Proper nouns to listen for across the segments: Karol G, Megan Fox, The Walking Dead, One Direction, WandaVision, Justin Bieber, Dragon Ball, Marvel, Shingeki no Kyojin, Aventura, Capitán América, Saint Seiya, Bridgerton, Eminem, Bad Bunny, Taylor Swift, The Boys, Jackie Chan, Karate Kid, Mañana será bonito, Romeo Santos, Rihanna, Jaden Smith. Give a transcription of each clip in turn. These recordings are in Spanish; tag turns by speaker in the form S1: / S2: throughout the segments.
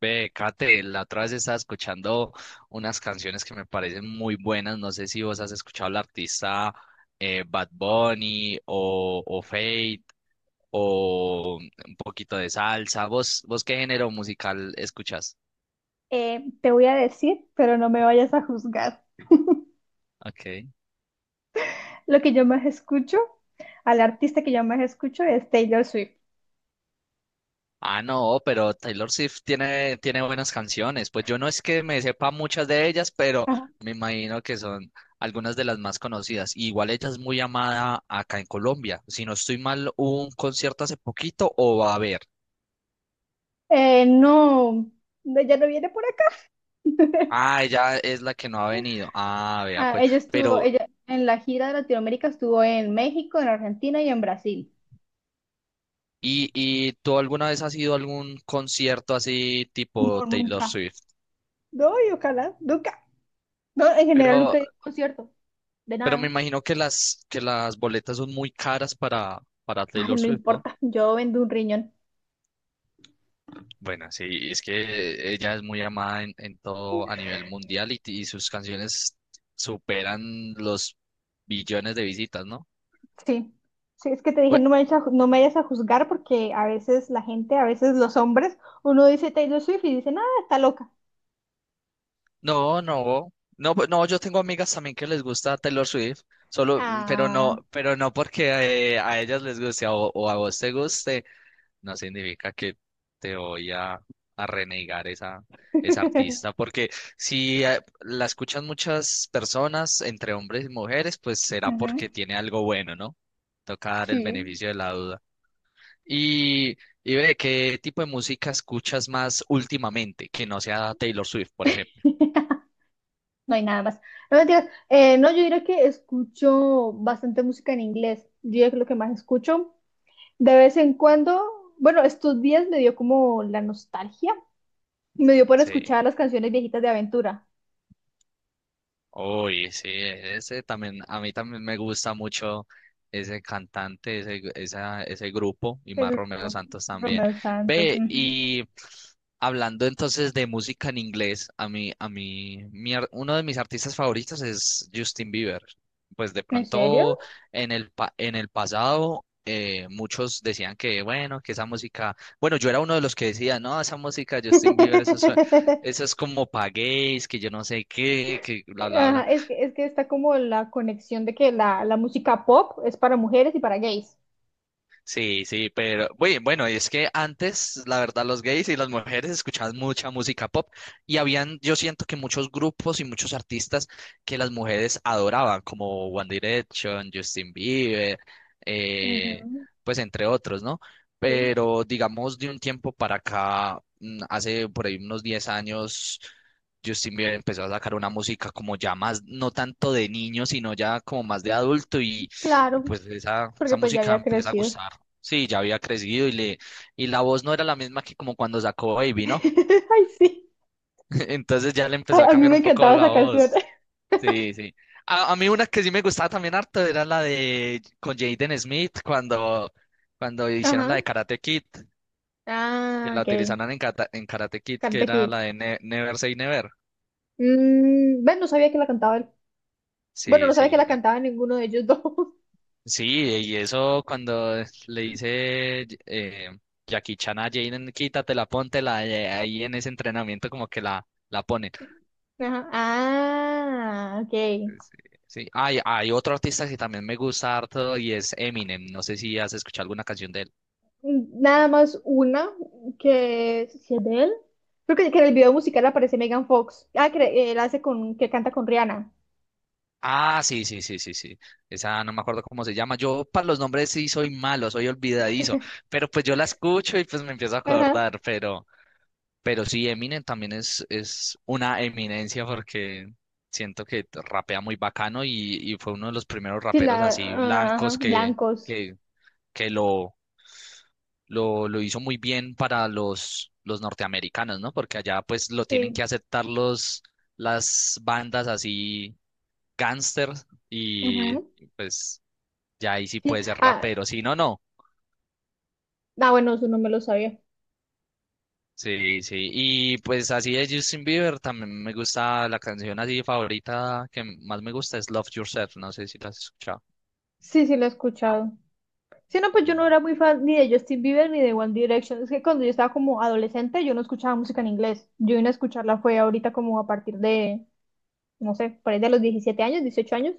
S1: Ve, Kate, la otra vez estaba escuchando unas canciones que me parecen muy buenas. No sé si vos has escuchado al artista Bad Bunny o Fate o un poquito de salsa. ¿Vos qué género musical escuchas?
S2: Te voy a decir, pero no me vayas a juzgar.
S1: Ok.
S2: Lo que yo más escucho, al artista que yo más escucho es Taylor Swift.
S1: Ah, no, pero Taylor Swift tiene buenas canciones. Pues yo no es que me sepa muchas de ellas, pero
S2: Ajá.
S1: me imagino que son algunas de las más conocidas. Y igual ella es muy amada acá en Colombia. Si no estoy mal, hubo un concierto hace poquito o va a haber.
S2: No, no, ella no viene por acá.
S1: Ah, ella es la que no ha venido. Ah, vea,
S2: Ah,
S1: pues.
S2: ella estuvo,
S1: Pero,
S2: ella en la gira de Latinoamérica estuvo en México, en Argentina y en Brasil.
S1: ¿y tú alguna vez has ido a algún concierto así tipo
S2: No,
S1: Taylor
S2: nunca.
S1: Swift?
S2: No, y ojalá, nunca. No, en general
S1: Pero,
S2: nunca he ido a un concierto, de
S1: pero me
S2: nada.
S1: imagino que las boletas son muy caras para
S2: Ay,
S1: Taylor
S2: no
S1: Swift, ¿no?
S2: importa, yo vendo un riñón.
S1: Bueno, sí, es que ella es muy amada en todo a nivel mundial y sus canciones superan los billones de visitas, ¿no?
S2: Sí, sí, es que te dije,
S1: Bueno,
S2: no me vayas a, no me vayas a juzgar porque a veces la gente, a veces los hombres, uno dice Taylor Swift y dicen, ah, está loca.
S1: no, no, no, pues, no, yo tengo amigas también que les gusta Taylor Swift, solo,
S2: Ah.
S1: pero no porque a ellas les guste o a vos te guste, no significa que te voy a renegar esa, esa artista, porque si la escuchan muchas personas, entre hombres y mujeres, pues será
S2: Ujú,
S1: porque tiene algo bueno, ¿no? Toca dar el
S2: sí,
S1: beneficio de la duda. Y, y ve, ¿qué tipo de música escuchas más últimamente que no sea Taylor Swift, por ejemplo?
S2: no hay nada más. No mentiras. No, yo diría que escucho bastante música en inglés. Yo diría que lo que más escucho. De vez en cuando, bueno, estos días me dio como la nostalgia. Me dio por
S1: Sí.
S2: escuchar las canciones viejitas de Aventura.
S1: Uy, sí, ese también, a mí también me gusta mucho ese cantante, ese, esa, ese grupo y
S2: El
S1: más Romeo
S2: grupo,
S1: Santos también.
S2: Romeo Santos.
S1: Ve,
S2: Ujú.
S1: y hablando entonces de música en inglés, a mí, uno de mis artistas favoritos es Justin Bieber. Pues de
S2: ¿En serio?
S1: pronto en el, en el pasado muchos decían que, bueno, que esa música, bueno, yo era uno de los que decía, no, esa música de Justin Bieber, eso esas como paguéis, que yo no sé qué, que bla, bla, bla.
S2: Ajá, es que está como la conexión de que la música pop es para mujeres y para gays.
S1: Sí, sí, pero bueno, bueno, y es que antes, la verdad, los gays y las mujeres escuchaban mucha música pop y habían, yo siento que muchos grupos y muchos artistas que las mujeres adoraban, como One Direction, Justin Bieber, eh,
S2: Ujú,
S1: pues entre otros, ¿no?
S2: sí.
S1: Pero digamos, de un tiempo para acá, hace por ahí unos 10 años, Justin Bieber empezó a sacar una música como ya más, no tanto de niño, sino ya como más de adulto y... Y
S2: Claro,
S1: pues esa
S2: porque pues ya
S1: música
S2: había
S1: empieza a
S2: crecido.
S1: gustar. Sí, ya había crecido y le y la voz no era la misma que como cuando sacó Baby, ¿no?
S2: Ay, sí.
S1: Entonces ya le empezó
S2: Ay,
S1: a
S2: a mí
S1: cambiar
S2: me
S1: un poco
S2: encantaba
S1: la
S2: esa canción.
S1: voz. Sí, sí. A mí una que sí me gustaba también harto era la de con Jaden Smith cuando hicieron la
S2: Ajá.
S1: de Karate Kid, que
S2: Ah,
S1: la
S2: ok.
S1: utilizaron en, en Karate Kid, que
S2: Karate
S1: era
S2: Kid.
S1: la de Never Say Never.
S2: Mm, ven, no sabía que la cantaba él. Bueno,
S1: Sí,
S2: no sabía que
S1: sí.
S2: la cantaba ninguno de ellos dos.
S1: Sí, y eso cuando le dice Jackie Chan a Jaden, quítatela, póntela, ahí en ese entrenamiento como que la pone.
S2: Ajá. Ah, ok.
S1: Sí, sí. Hay otro artista que también me gusta harto y es Eminem. No sé si has escuchado alguna canción de él.
S2: Nada más una que si es de él. Creo que en el video musical aparece Megan Fox. Ah, que él hace con, que canta con Rihanna.
S1: Ah, sí, sí, sí, sí, sí. Esa no me acuerdo cómo se llama. Yo para los nombres sí soy malo, soy olvidadizo, pero pues yo la escucho y pues me empiezo a
S2: Ajá.
S1: acordar, pero sí, Eminem también es una eminencia porque siento que rapea muy bacano y fue uno de los primeros
S2: Sí,
S1: raperos
S2: la,
S1: así
S2: ah, ajá,
S1: blancos
S2: blancos.
S1: que, que lo hizo muy bien para los norteamericanos, ¿no? Porque allá pues lo tienen
S2: Sí.
S1: que aceptar los, las bandas así gangsters y
S2: Ajá.
S1: pues ya ahí sí
S2: Sí.
S1: puede ser
S2: Ah,
S1: rapero. Sí, no, no.
S2: ah, bueno, eso no me lo sabía.
S1: Sí, sí. Y pues así de Justin Bieber también me gusta la canción así favorita que más me gusta es Love Yourself, no sé si la has escuchado.
S2: Sí, sí, lo he escuchado. Sí, no, pues yo no
S1: Mm.
S2: era muy fan ni de Justin Bieber ni de One Direction. Es que cuando yo estaba como adolescente, yo no escuchaba música en inglés. Yo vine a escucharla fue ahorita como a partir de, no sé, por ahí de los 17 años, 18 años.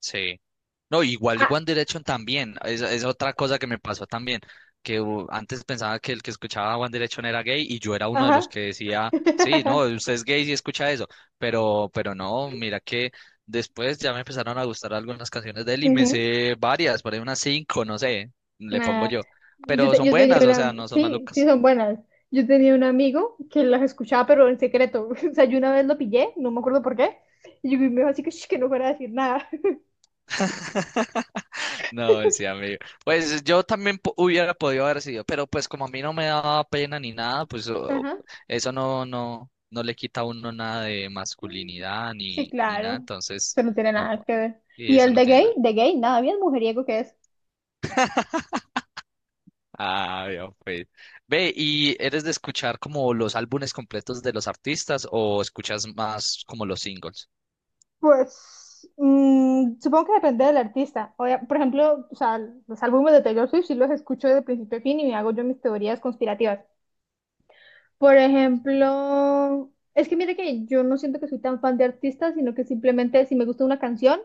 S1: Sí. No, igual
S2: Ah,
S1: One Direction también, es otra cosa que me pasó también, que antes pensaba que el que escuchaba One Direction era gay y yo era uno de los
S2: ajá.
S1: que decía, sí, no, usted es gay si escucha eso, pero no, mira que después ya me empezaron a gustar algunas canciones de él y me
S2: Ujú.
S1: sé varias, por ahí unas cinco, no sé, le pongo
S2: Nah,
S1: yo, pero son
S2: yo tenía
S1: buenas, o sea,
S2: una,
S1: no son
S2: sí, sí
S1: malucas.
S2: son buenas. Yo tenía un amigo que las escuchaba, pero en secreto. O sea, yo una vez lo pillé, no me acuerdo por qué. Y yo me dijo así que, "Shh, que no fuera a decir nada."
S1: No, sí, amigo. Pues yo también hubiera podido haber sido, pero pues como a mí no me daba pena ni nada, pues
S2: Ajá.
S1: eso no, no, no le quita a uno nada de masculinidad
S2: Sí,
S1: ni, ni nada,
S2: claro.
S1: entonces
S2: Eso no tiene
S1: no,
S2: nada que ver.
S1: y
S2: Y
S1: eso
S2: el
S1: no tiene nada.
S2: de gay, nada, bien mujeriego que es.
S1: Ah, ya pues. Ve, ¿y eres de escuchar como los álbumes completos de los artistas o escuchas más como los singles?
S2: Pues, mm, supongo que depende del artista. Por ejemplo, o sea, los álbumes de Taylor Swift sí los escucho de principio a fin y me hago yo mis teorías conspirativas. Por ejemplo, es que mire que yo no siento que soy tan fan de artistas, sino que simplemente si me gusta una canción,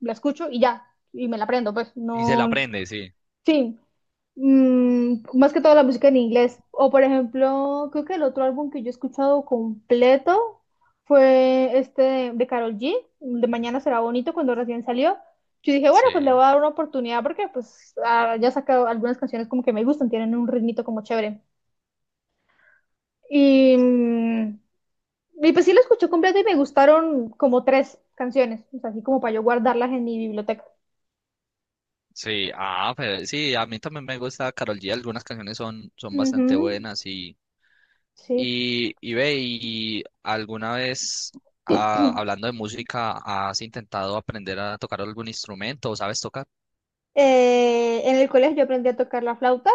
S2: la escucho y ya, y me la aprendo, pues
S1: Y se la
S2: no,
S1: aprende, sí.
S2: sí, mm, más que todo la música en inglés. O por ejemplo, creo que el otro álbum que yo he escuchado completo fue este de Karol G, de Mañana será bonito, cuando recién salió. Yo dije, bueno, pues le
S1: Sí,
S2: voy a dar una oportunidad porque pues ah, ya he sacado algunas canciones como que me gustan, tienen un ritmito como chévere. Y, mm, y pues sí lo escuché completo y me gustaron como tres canciones, o sea, así como para yo guardarlas en mi biblioteca.
S1: sí, ah, pero sí, a mí también me gusta Karol G, algunas canciones son, son bastante
S2: Ujú,
S1: buenas y
S2: sí.
S1: y ve, ¿y alguna vez, ah, hablando de música, has intentado aprender a tocar algún instrumento o sabes tocar?
S2: En el colegio yo aprendí a tocar la flauta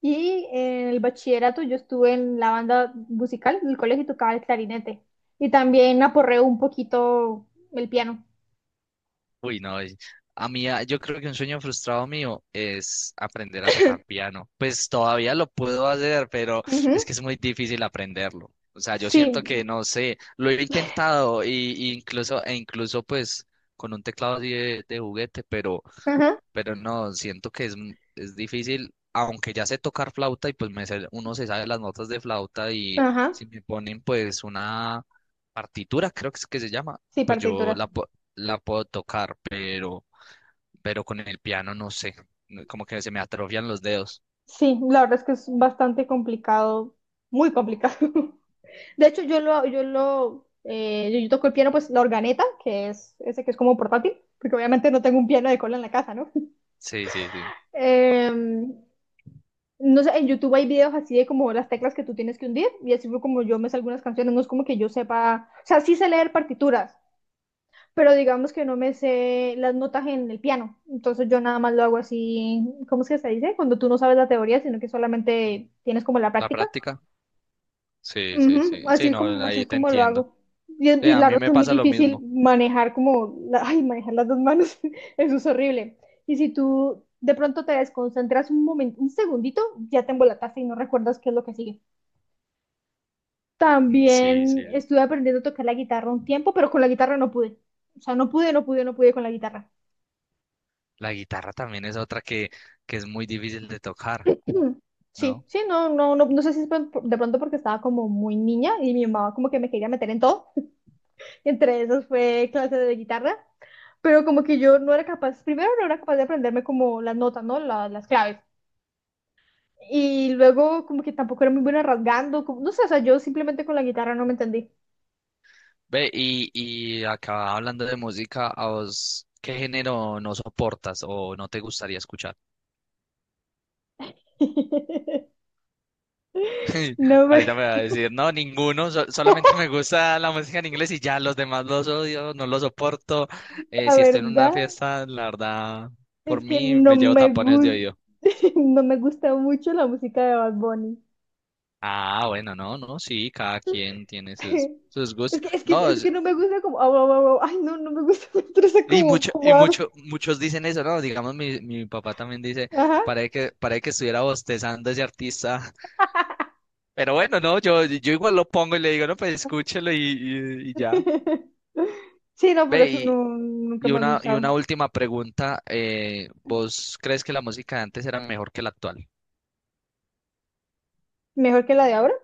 S2: y en el bachillerato yo estuve en la banda musical del colegio y tocaba el clarinete. Y también aporreo un poquito el piano.
S1: Uy, no, a mí, ah, yo creo que un sueño frustrado mío es aprender a tocar piano. Pues todavía lo puedo hacer, pero
S2: Ujú,
S1: es que es muy difícil aprenderlo. O sea, yo siento que,
S2: sí,
S1: no sé, lo he intentado y incluso, e incluso pues con un teclado así de juguete,
S2: ajá,
S1: pero no, siento que es, es difícil, aunque ya sé tocar flauta y pues uno se sabe las notas de flauta y
S2: ajá,
S1: si me ponen pues una partitura, creo que es que se llama,
S2: sí,
S1: pues yo
S2: partitura.
S1: la, la puedo tocar, pero con el piano no sé, como que se me atrofian los dedos.
S2: Sí, la verdad es que es bastante complicado, muy complicado. De hecho, yo toco el piano, pues la organeta, que es ese que es como portátil, porque obviamente no tengo un piano de cola en la casa, ¿no?
S1: Sí, sí, sí.
S2: Eh, no sé, en YouTube hay videos así de como las teclas que tú tienes que hundir, y así fue como yo me sé algunas canciones, no es como que yo sepa, o sea, sí sé leer partituras, pero digamos que no me sé las notas en el piano, entonces yo nada más lo hago así. ¿Cómo es que se dice? Cuando tú no sabes la teoría, sino que solamente tienes como la
S1: ¿La
S2: práctica.
S1: práctica? Sí, sí,
S2: Ujú,
S1: sí.
S2: así
S1: Sí,
S2: es
S1: no,
S2: como, así es
S1: ahí te
S2: como lo
S1: entiendo.
S2: hago. Y,
S1: Sí,
S2: y
S1: a
S2: la
S1: mí
S2: ropa
S1: me
S2: es muy
S1: pasa lo
S2: difícil
S1: mismo.
S2: manejar como, ay, manejar las dos manos, eso es horrible. Y si tú de pronto te desconcentras un momento, un segundito, ya te embolataste y no recuerdas qué es lo que sigue.
S1: Mm, sí,
S2: También
S1: sí.
S2: estuve aprendiendo a tocar la guitarra un tiempo, pero con la guitarra no pude. O sea, no pude con la guitarra.
S1: La guitarra también es otra que es muy difícil de tocar,
S2: Mm, sí,
S1: ¿no?
S2: sí, no, no, no, no sé si es de pronto porque estaba como muy niña y mi mamá como que me quería meter en todo. Entre esos fue clase de guitarra. Pero como que yo no era capaz, primero no era capaz de aprenderme como las notas, ¿no? Las claves. Y luego como que tampoco era muy buena rasgando, como, no sé, o sea, yo simplemente con la guitarra no me entendí.
S1: Ve, y acá hablando de música, ¿a vos qué género no soportas o no te gustaría escuchar?
S2: No me,
S1: Ahorita me va a decir, no, ninguno, solamente me gusta la música en inglés y ya los demás los odio, no los soporto.
S2: la
S1: Si estoy en una
S2: verdad
S1: fiesta, la verdad, por
S2: es que
S1: mí
S2: no
S1: me llevo
S2: me
S1: tapones de
S2: gusta,
S1: oído.
S2: no me gusta mucho la música de Bad Bunny.
S1: Ah, bueno, no, no, sí, cada quien tiene sus, sus
S2: Es
S1: gustos.
S2: que, es que,
S1: No,
S2: es que no me gusta como, au, au, au, au. Ay, no, no me gusta, me estresa como,
S1: y
S2: como habla.
S1: mucho, muchos dicen eso, ¿no? Digamos, mi papá también dice,
S2: Ajá.
S1: parece que estuviera bostezando ese artista. Pero bueno, no, yo igual lo pongo y le digo, no, pues escúchelo y ya.
S2: Sí, no, por
S1: Ve,
S2: eso no,
S1: y,
S2: nunca
S1: y
S2: me ha
S1: una, y una
S2: gustado.
S1: última pregunta. ¿Vos crees que la música de antes era mejor que la actual?
S2: Mejor que la de ahora.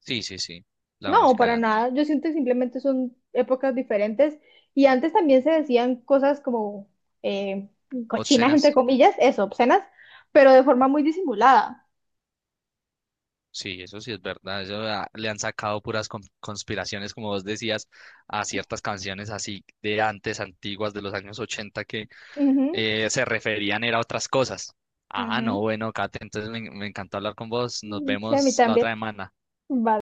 S1: Sí, sí, sí, la
S2: No,
S1: música de
S2: para nada.
S1: antes.
S2: Yo siento que simplemente son épocas diferentes y antes también se decían cosas como eh, cochinas, entre
S1: Obscenas,
S2: comillas, eso, obscenas, pero de forma muy disimulada.
S1: sí, eso sí es verdad. Eso ah, le han sacado puras conspiraciones, como vos decías, a ciertas canciones así de antes, antiguas, de los años 80, que se referían era a otras cosas. Ah, no,
S2: Ujú,
S1: bueno, Kate, entonces me encantó hablar con vos. Nos
S2: ujú. Sí, a mí
S1: vemos la
S2: también.
S1: otra semana.
S2: Vale.